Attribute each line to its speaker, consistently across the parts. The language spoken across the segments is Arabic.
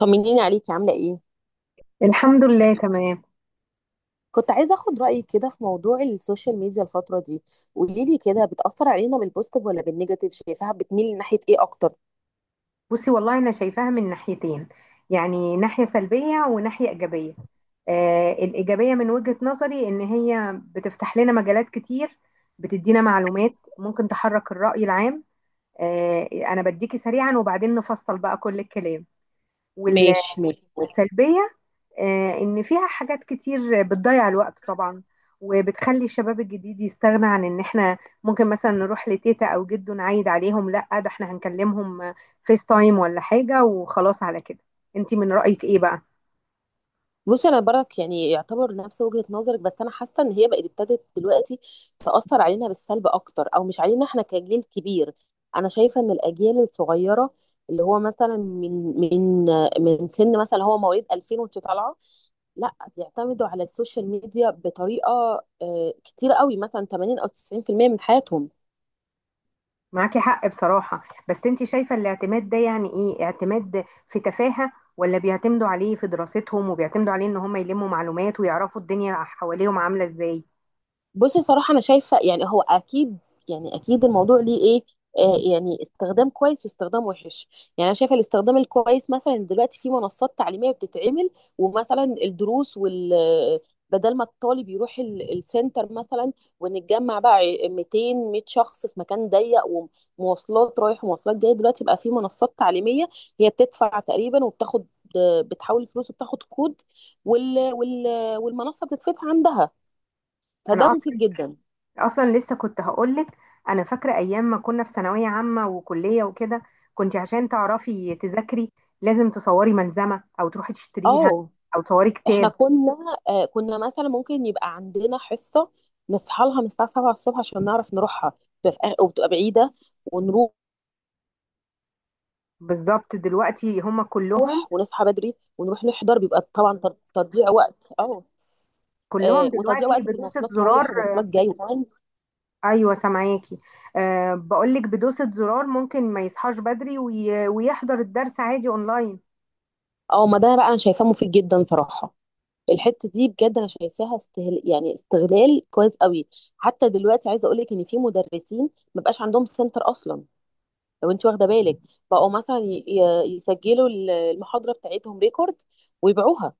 Speaker 1: طمنيني عليكي عاملة ايه؟
Speaker 2: الحمد لله، تمام.
Speaker 1: كنت عايزة اخد رأيك كده في موضوع السوشيال ميديا الفترة دي. قولي لي كده، بتأثر علينا بالبوستيف ولا بالنيجاتيف؟ شايفاها بتميل ناحية ايه اكتر؟
Speaker 2: بصي، والله انا شايفاها من ناحيتين، يعني ناحية سلبية وناحية إيجابية. آه، الإيجابية من وجهة نظري إن هي بتفتح لنا مجالات كتير، بتدينا معلومات ممكن تحرك الرأي العام. آه، أنا بديكي سريعا وبعدين نفصل بقى كل الكلام.
Speaker 1: ماشي، ماشي.
Speaker 2: والسلبية، إن فيها حاجات كتير بتضيع الوقت طبعا، وبتخلي الشباب الجديد يستغنى عن إن إحنا ممكن مثلا نروح لتيتا أو جدو نعيد عليهم، لأ ده إحنا هنكلمهم فيس تايم ولا حاجة وخلاص على كده. أنتي من رأيك إيه بقى؟
Speaker 1: بصي انا برك يعني يعتبر نفس وجهة نظرك، بس انا حاسة ان هي بقت ابتدت دلوقتي تأثر علينا بالسلب اكتر. او مش علينا احنا كجيل كبير، انا شايفة ان الاجيال الصغيرة اللي هو مثلا من سن مثلا هو مواليد 2000 وانت طالعة، لا بيعتمدوا على السوشيال ميديا بطريقه كتيره قوي، مثلا 80 او 90% من حياتهم.
Speaker 2: معاكي حق بصراحة. بس أنتي شايفة الاعتماد ده يعني إيه؟ اعتماد في تفاهة ولا بيعتمدوا عليه في دراستهم وبيعتمدوا عليه إن هم يلموا معلومات ويعرفوا الدنيا حواليهم عاملة إزاي؟
Speaker 1: بصي صراحة أنا شايفة يعني هو أكيد، يعني أكيد الموضوع ليه إيه آه يعني استخدام كويس واستخدام وحش. يعني أنا شايفة الاستخدام الكويس مثلا دلوقتي في منصات تعليمية بتتعمل، ومثلا الدروس بدل ما الطالب يروح السنتر، مثلا ونتجمع بقى 200، 100 شخص في مكان ضيق، ومواصلات رايح ومواصلات جاية. دلوقتي بقى في منصات تعليمية، هي بتدفع تقريبا وبتاخد، بتحول الفلوس وبتاخد كود، وال... وال... والمنصة بتتفتح عندها، فده
Speaker 2: أنا
Speaker 1: مفيد
Speaker 2: أصلا
Speaker 1: جدا.
Speaker 2: اصلا لسه كنت هقولك، انا فاكره ايام ما كنا في ثانويه عامه وكليه وكده، كنت عشان تعرفي تذاكري لازم تصوري ملزمه او تروحي تشتريها
Speaker 1: اه،
Speaker 2: او تصوري
Speaker 1: احنا
Speaker 2: كتاب.
Speaker 1: كنا، آه كنا مثلا ممكن يبقى عندنا حصة نصحى لها من الساعة 7 الصبح عشان نعرف نروحها، وبتبقى بعيدة ونروح،
Speaker 2: بالظبط. دلوقتي هم كلهم
Speaker 1: ونصحى بدري ونروح نحضر، بيبقى طبعا تضييع وقت. اه
Speaker 2: كلهم
Speaker 1: وتضييع
Speaker 2: دلوقتي
Speaker 1: وقت في
Speaker 2: بدوسه
Speaker 1: المواصلات
Speaker 2: زرار
Speaker 1: رايح
Speaker 2: آه،
Speaker 1: ومواصلات
Speaker 2: ب...
Speaker 1: جاي وكمان.
Speaker 2: ايوه، سامعاكي. أه، بقولك بدوسه زرار ممكن ما يصحاش بدري ويحضر الدرس عادي اونلاين.
Speaker 1: اه، ما ده بقى انا شايفاه مفيد جدا صراحة. الحتة دي بجد انا شايفاها يعني استغلال كويس قوي. حتى دلوقتي عايزة اقول لك ان في مدرسين ما بقاش عندهم سنتر اصلا، لو انت واخده بالك، بقوا مثلا يسجلوا المحاضره بتاعتهم ريكورد ويبيعوها.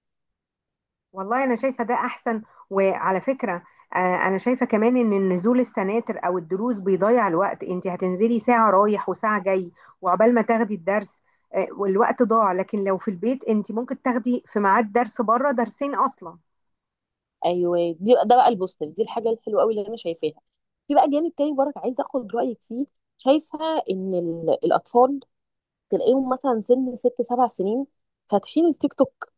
Speaker 2: والله انا شايفه ده احسن. وعلى فكره، آه، انا شايفه كمان ان النزول السناتر او الدروس بيضيع الوقت، انت هتنزلي ساعه رايح وساعه جاي وعقبال ما تاخدي الدرس، والوقت ضاع. لكن لو في البيت انت ممكن تاخدي في ميعاد درس بره درسين اصلا.
Speaker 1: ايوه، دي ده بقى البوستيف، دي الحاجه الحلوه قوي اللي انا شايفاها. في بقى جانب تاني برضه عايزه اخد رايك فيه. شايفه ان الاطفال تلاقيهم مثلا سن ست سبع سنين فاتحين التيك توك،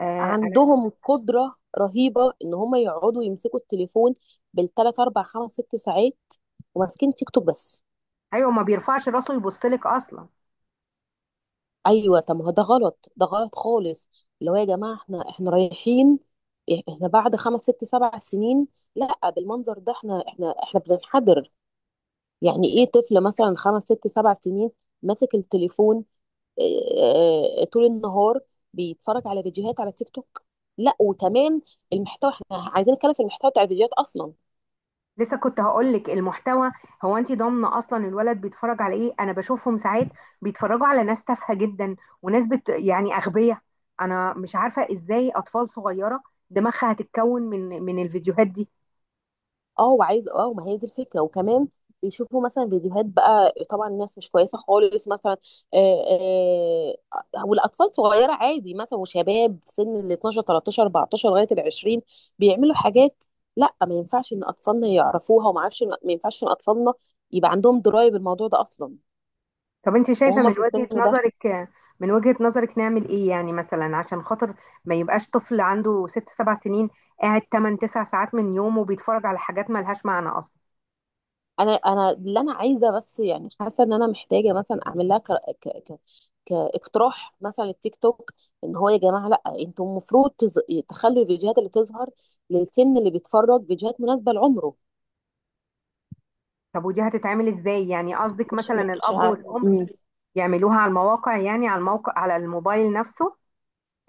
Speaker 2: آه، انا ش-
Speaker 1: عندهم قدره رهيبه ان هم يقعدوا يمسكوا التليفون بالثلاث اربع خمس ست ساعات، وماسكين تيك توك بس.
Speaker 2: ايوه، ما بيرفعش راسه يبص لك اصلا.
Speaker 1: ايوه، طب ما هو ده غلط، ده غلط خالص. اللي هو يا جماعه احنا رايحين، احنا بعد خمس ست سبع سنين، لا بالمنظر ده احنا بننحدر. يعني ايه طفل مثلا خمس ست سبع سنين ماسك التليفون، اه، طول النهار بيتفرج على فيديوهات على تيك توك؟ لا وكمان المحتوى، احنا عايزين نتكلم في المحتوى بتاع الفيديوهات اصلا.
Speaker 2: لسه كنت هقولك المحتوى. هو انت ضامنه اصلا الولد بيتفرج على ايه؟ انا بشوفهم ساعات بيتفرجوا على ناس تافهه جدا، وناس يعني اغبياء. انا مش عارفه ازاي اطفال صغيره دماغها هتتكون من الفيديوهات دي.
Speaker 1: اه وعايز، اه ما هي دي الفكره. وكمان بيشوفوا مثلا فيديوهات، بقى طبعا الناس مش كويسه خالص، مثلا آه آه والاطفال صغيره عادي، مثلا وشباب في سن ال 12، 13، 14 لغايه ال 20 بيعملوا حاجات لا ما ينفعش ان اطفالنا يعرفوها، وما اعرفش ما ينفعش ان اطفالنا يبقى عندهم درايه بالموضوع ده اصلا
Speaker 2: طب انت شايفه
Speaker 1: وهما
Speaker 2: من
Speaker 1: في
Speaker 2: وجهه
Speaker 1: السن ده.
Speaker 2: نظرك من وجهه نظرك نعمل ايه؟ يعني مثلا عشان خاطر ما يبقاش طفل عنده 6 7 سنين قاعد 8 9 ساعات من يومه بيتفرج على حاجات ملهاش معنى اصلا.
Speaker 1: انا اللي انا عايزه، بس يعني حاسه ان انا محتاجه مثلا اعمل لها ك... ك... كاقتراح مثلا للتيك توك، ان هو يا جماعه لا، انتم المفروض تخلوا الفيديوهات اللي تظهر للسن اللي بيتفرج فيديوهات مناسبه لعمره.
Speaker 2: طب ودي هتتعمل ازاي؟ يعني قصدك
Speaker 1: مش
Speaker 2: مثلا
Speaker 1: مش
Speaker 2: الاب
Speaker 1: عارفه
Speaker 2: والام يعملوها على المواقع، يعني على الموقع على الموبايل نفسه؟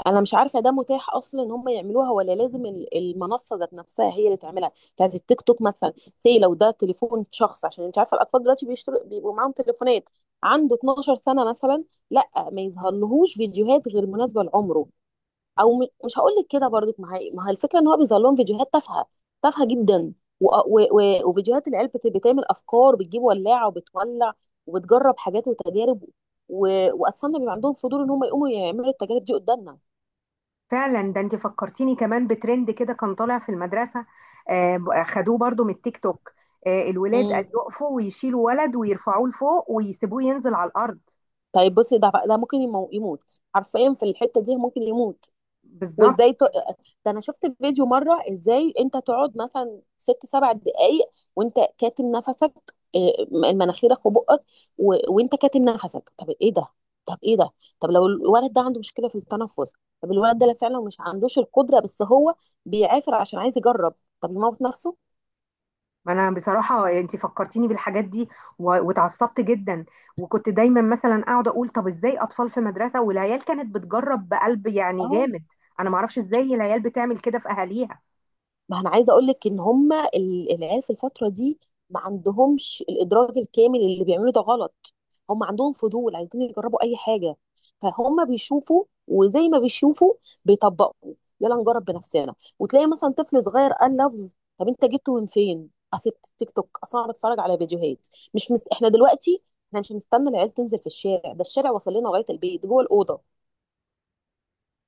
Speaker 1: انا مش عارفه ده متاح اصلا ان هم يعملوها، ولا لازم المنصه ذات نفسها هي اللي تعملها، بتاعت التيك توك مثلا. سي لو ده تليفون شخص، عشان انت عارفه الاطفال دلوقتي بيشتروا، بيبقوا معاهم تليفونات، عنده 12 سنه مثلا، لا ما يظهرلهوش فيديوهات غير مناسبه لعمره. او مش هقول لك كده برضك، ما هي الفكره ان هو بيظهر لهم فيديوهات تافهه، تافهه جدا. وفيديوهات العيال بتعمل افكار، بتجيب ولاعه وبتولع وبتجرب حاجات وتجارب، و... واطفالنا بيبقى عندهم فضول ان هم يقوموا يعملوا التجارب دي قدامنا.
Speaker 2: فعلا، ده انت فكرتيني كمان بترند كده كان طالع في المدرسة، خدوه برضو من التيك توك، الولاد قال
Speaker 1: مم.
Speaker 2: يقفوا ويشيلوا ولد ويرفعوه لفوق ويسيبوه ينزل على الأرض.
Speaker 1: طيب بصي، ده ممكن يموت حرفيا. في الحته دي ممكن يموت.
Speaker 2: بالظبط.
Speaker 1: وازاي ده انا شفت فيديو مره، ازاي انت تقعد مثلا ست سبع دقائق وانت كاتم نفسك، مناخيرك وبقك، وانت كاتم نفسك. طب ايه ده؟ طب ايه ده؟ طب لو الولد ده عنده مشكله في التنفس؟ طب الولد ده لا، فعلا مش عندوش القدره، بس هو بيعافر عشان عايز يجرب. طب يموت نفسه؟
Speaker 2: ما انا بصراحة انت فكرتيني بالحاجات دي واتعصبت جدا، وكنت دايما مثلا اقعد اقول طب ازاي اطفال في مدرسة والعيال كانت بتجرب بقلب يعني
Speaker 1: اه،
Speaker 2: جامد. انا ما اعرفش ازاي العيال بتعمل كده في اهاليها.
Speaker 1: ما انا عايزه اقول لك ان هم العيال في الفتره دي ما عندهمش الادراك الكامل اللي بيعملوا ده غلط. هم عندهم فضول، عايزين يجربوا اي حاجه. فهم بيشوفوا، وزي ما بيشوفوا بيطبقوا. يلا نجرب بنفسنا. وتلاقي مثلا طفل صغير قال لفظ، طب انت جبته من فين؟ اصل التيك توك، اصلا انا بتفرج على فيديوهات. مش مس... احنا دلوقتي احنا مش مستنى العيال تنزل في الشارع، ده الشارع وصل لنا لغايه البيت جوه الاوضه.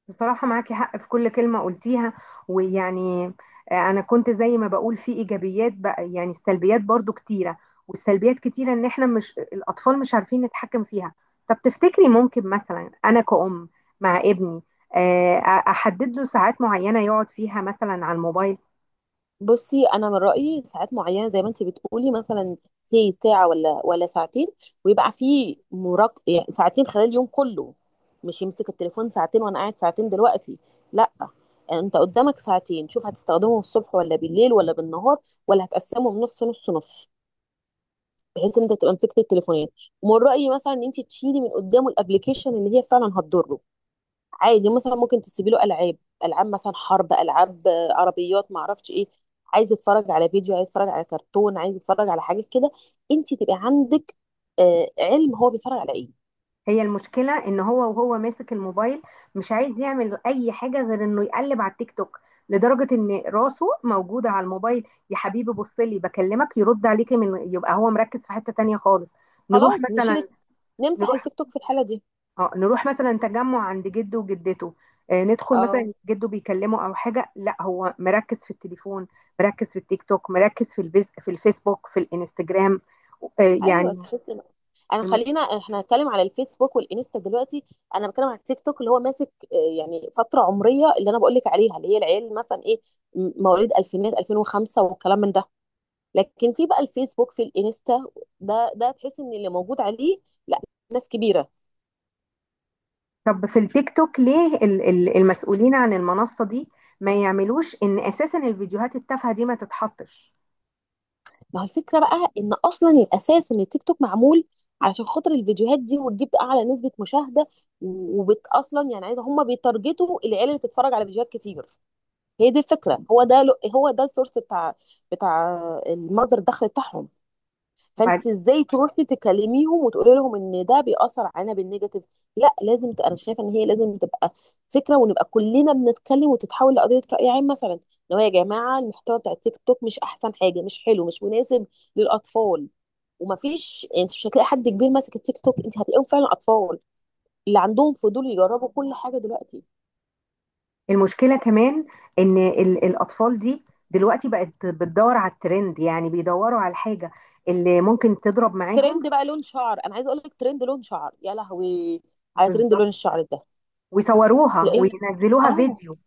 Speaker 2: بصراحة معاكي حق في كل كلمة قلتيها. ويعني، أنا كنت زي ما بقول في إيجابيات، بقى يعني السلبيات برضو كتيرة. والسلبيات كتيرة إن إحنا مش الأطفال مش عارفين نتحكم فيها. طب تفتكري ممكن مثلا أنا كأم مع ابني أحدد له ساعات معينة يقعد فيها مثلا على الموبايل؟
Speaker 1: بصي انا من رايي ساعات معينه، زي ما انت بتقولي مثلا سي ساعه ولا ساعتين، ويبقى في مراق. يعني ساعتين خلال اليوم كله، مش يمسك التليفون ساعتين وانا قاعد ساعتين دلوقتي، لا. انت قدامك ساعتين، شوف هتستخدمهم الصبح ولا بالليل ولا بالنهار، ولا هتقسمهم نص نص نص، بحيث ان انت تبقى مسكت التليفونات. ومن رايي مثلا ان انت تشيلي من قدامه الابلكيشن اللي هي فعلا هتضره. عادي مثلا ممكن تسيبي له العاب، العاب مثلا حرب، العاب عربيات، ما اعرفش ايه. عايز يتفرج على فيديو، عايز يتفرج على كرتون، عايز يتفرج على حاجه كده، انت تبقى عندك علم هو بيتفرج على ايه.
Speaker 2: هي المشكلة ان هو وهو ماسك الموبايل مش عايز يعمل اي حاجة غير انه يقلب على التيك توك، لدرجة ان راسه موجودة على الموبايل. يا حبيبي، بص لي بكلمك يرد عليكي، من يبقى هو مركز في حتة تانية خالص. نروح
Speaker 1: خلاص نشيل،
Speaker 2: مثلا
Speaker 1: نمسح
Speaker 2: نروح
Speaker 1: التيك توك في الحاله دي.
Speaker 2: اه نروح مثلا تجمع عند جده وجدته، ندخل
Speaker 1: اه،
Speaker 2: مثلا جده بيكلمه او حاجة، لا هو مركز في التليفون، مركز في التيك توك، مركز في الفيسبوك، في الانستجرام،
Speaker 1: ايوه،
Speaker 2: يعني.
Speaker 1: تحسي انا، خلينا احنا هنتكلم على الفيسبوك والانستا دلوقتي. انا بتكلم على التيك توك اللي هو ماسك يعني فتره عمريه اللي انا بقول لك عليها، اللي هي العيال مثلا ايه، مواليد الفينات 2005 والكلام من ده. لكن في بقى الفيسبوك في الانستا، ده تحس ان اللي موجود عليه لا، ناس كبيره.
Speaker 2: طب في التيك توك ليه المسؤولين عن المنصة دي ما يعملوش ان اساسا الفيديوهات التافهة دي ما تتحطش؟
Speaker 1: ما هو الفكره بقى ان اصلا الاساس ان التيك توك معمول علشان خاطر الفيديوهات دي، وتجيب اعلى نسبه مشاهده، وبت اصلا يعني عايزه، هم بيتارجتوا العيال اللي تتفرج على فيديوهات كتير. هي دي الفكره. هو ده السورس بتاع المصدر الدخل بتاعهم.
Speaker 2: وبعد،
Speaker 1: فانت ازاي تروحي تكلميهم وتقولي لهم ان ده بيأثر علينا بالنيجاتيف؟ لا لازم انا شايفه ان هي لازم تبقى فكره، ونبقى كلنا بنتكلم وتتحول لقضيه رأي عام، مثلا ان هو يا جماعه المحتوى بتاع التيك توك مش احسن حاجه، مش حلو، مش مناسب للاطفال. ومفيش، انت مش هتلاقي حد كبير ماسك التيك توك، انت هتلاقيهم فعلا اطفال اللي عندهم فضول يجربوا كل حاجه دلوقتي.
Speaker 2: المشكلة كمان ان الاطفال دي دلوقتي بقت بتدور على الترند، يعني بيدوروا على الحاجة اللي ممكن تضرب معاهم.
Speaker 1: ترند بقى لون شعر، انا عايزه اقول لك، ترند لون شعر يا لهوي! على ترند
Speaker 2: بالظبط.
Speaker 1: لون الشعر ده
Speaker 2: ويصوروها
Speaker 1: تلاقيه،
Speaker 2: وينزلوها
Speaker 1: اه،
Speaker 2: فيديو.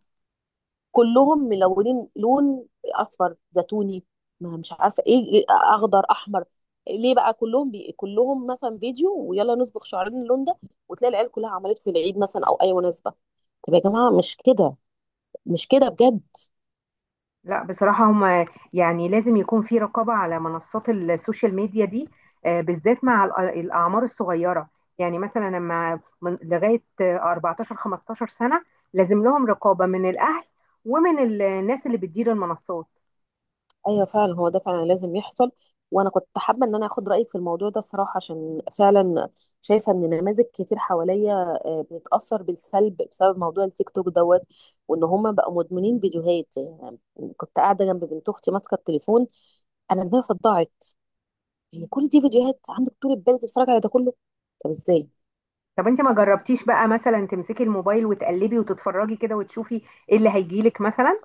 Speaker 1: كلهم ملونين، لون اصفر زيتوني، ما مش عارفه ايه اخضر احمر. ليه بقى كلهم كلهم مثلا فيديو ويلا نصبغ شعرنا اللون ده؟ وتلاقي العيال كلها عملت في العيد مثلا او اي مناسبه. طب يا جماعه مش كده، مش كده بجد.
Speaker 2: لا بصراحة، هم يعني لازم يكون في رقابة على منصات السوشيال ميديا دي، بالذات مع الأعمار الصغيرة، يعني مثلا لما من لغاية 14 15 سنة لازم لهم رقابة من الأهل ومن الناس اللي بتدير المنصات.
Speaker 1: ايوه فعلا، هو ده فعلا لازم يحصل. وانا كنت حابه ان انا اخد رايك في الموضوع ده الصراحه، عشان فعلا شايفه ان نماذج كتير حواليا بتتاثر بالسلب بسبب موضوع التيك توك دوت، وان هم بقوا مدمنين فيديوهات يعني. كنت قاعده جنب بنت اختي ماسكه التليفون، انا دماغي صدعت. هي كل دي فيديوهات عندك؟ طول البال تتفرج على ده كله؟ طب ازاي؟
Speaker 2: طب انت ما جربتيش بقى مثلا تمسكي الموبايل وتقلبي وتتفرجي كده وتشوفي ايه اللي هيجيلك مثلا؟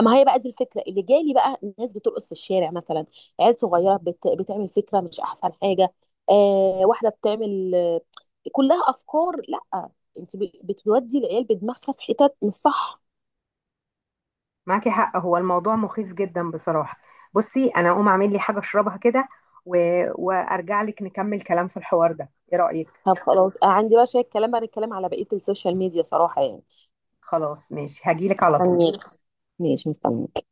Speaker 1: ما هي بقى دي الفكره اللي جالي بقى، الناس بترقص في الشارع مثلا، عيال صغيره بتعمل فكره مش احسن حاجه، واحده بتعمل كلها افكار لا. انت بتودي العيال بدماغها في حتت مش صح.
Speaker 2: معاكي حق، هو الموضوع مخيف جدا بصراحة. بصي انا اقوم اعمل لي حاجة اشربها كده و... وارجع لك نكمل كلام في الحوار ده. ايه رأيك؟
Speaker 1: طب خلاص، عندي بقى شويه كلام بعد الكلام على بقيه السوشيال ميديا صراحه يعني.
Speaker 2: خلاص ماشي، هجيلك على طول.
Speaker 1: مستنياك. ماشي، مستنياك.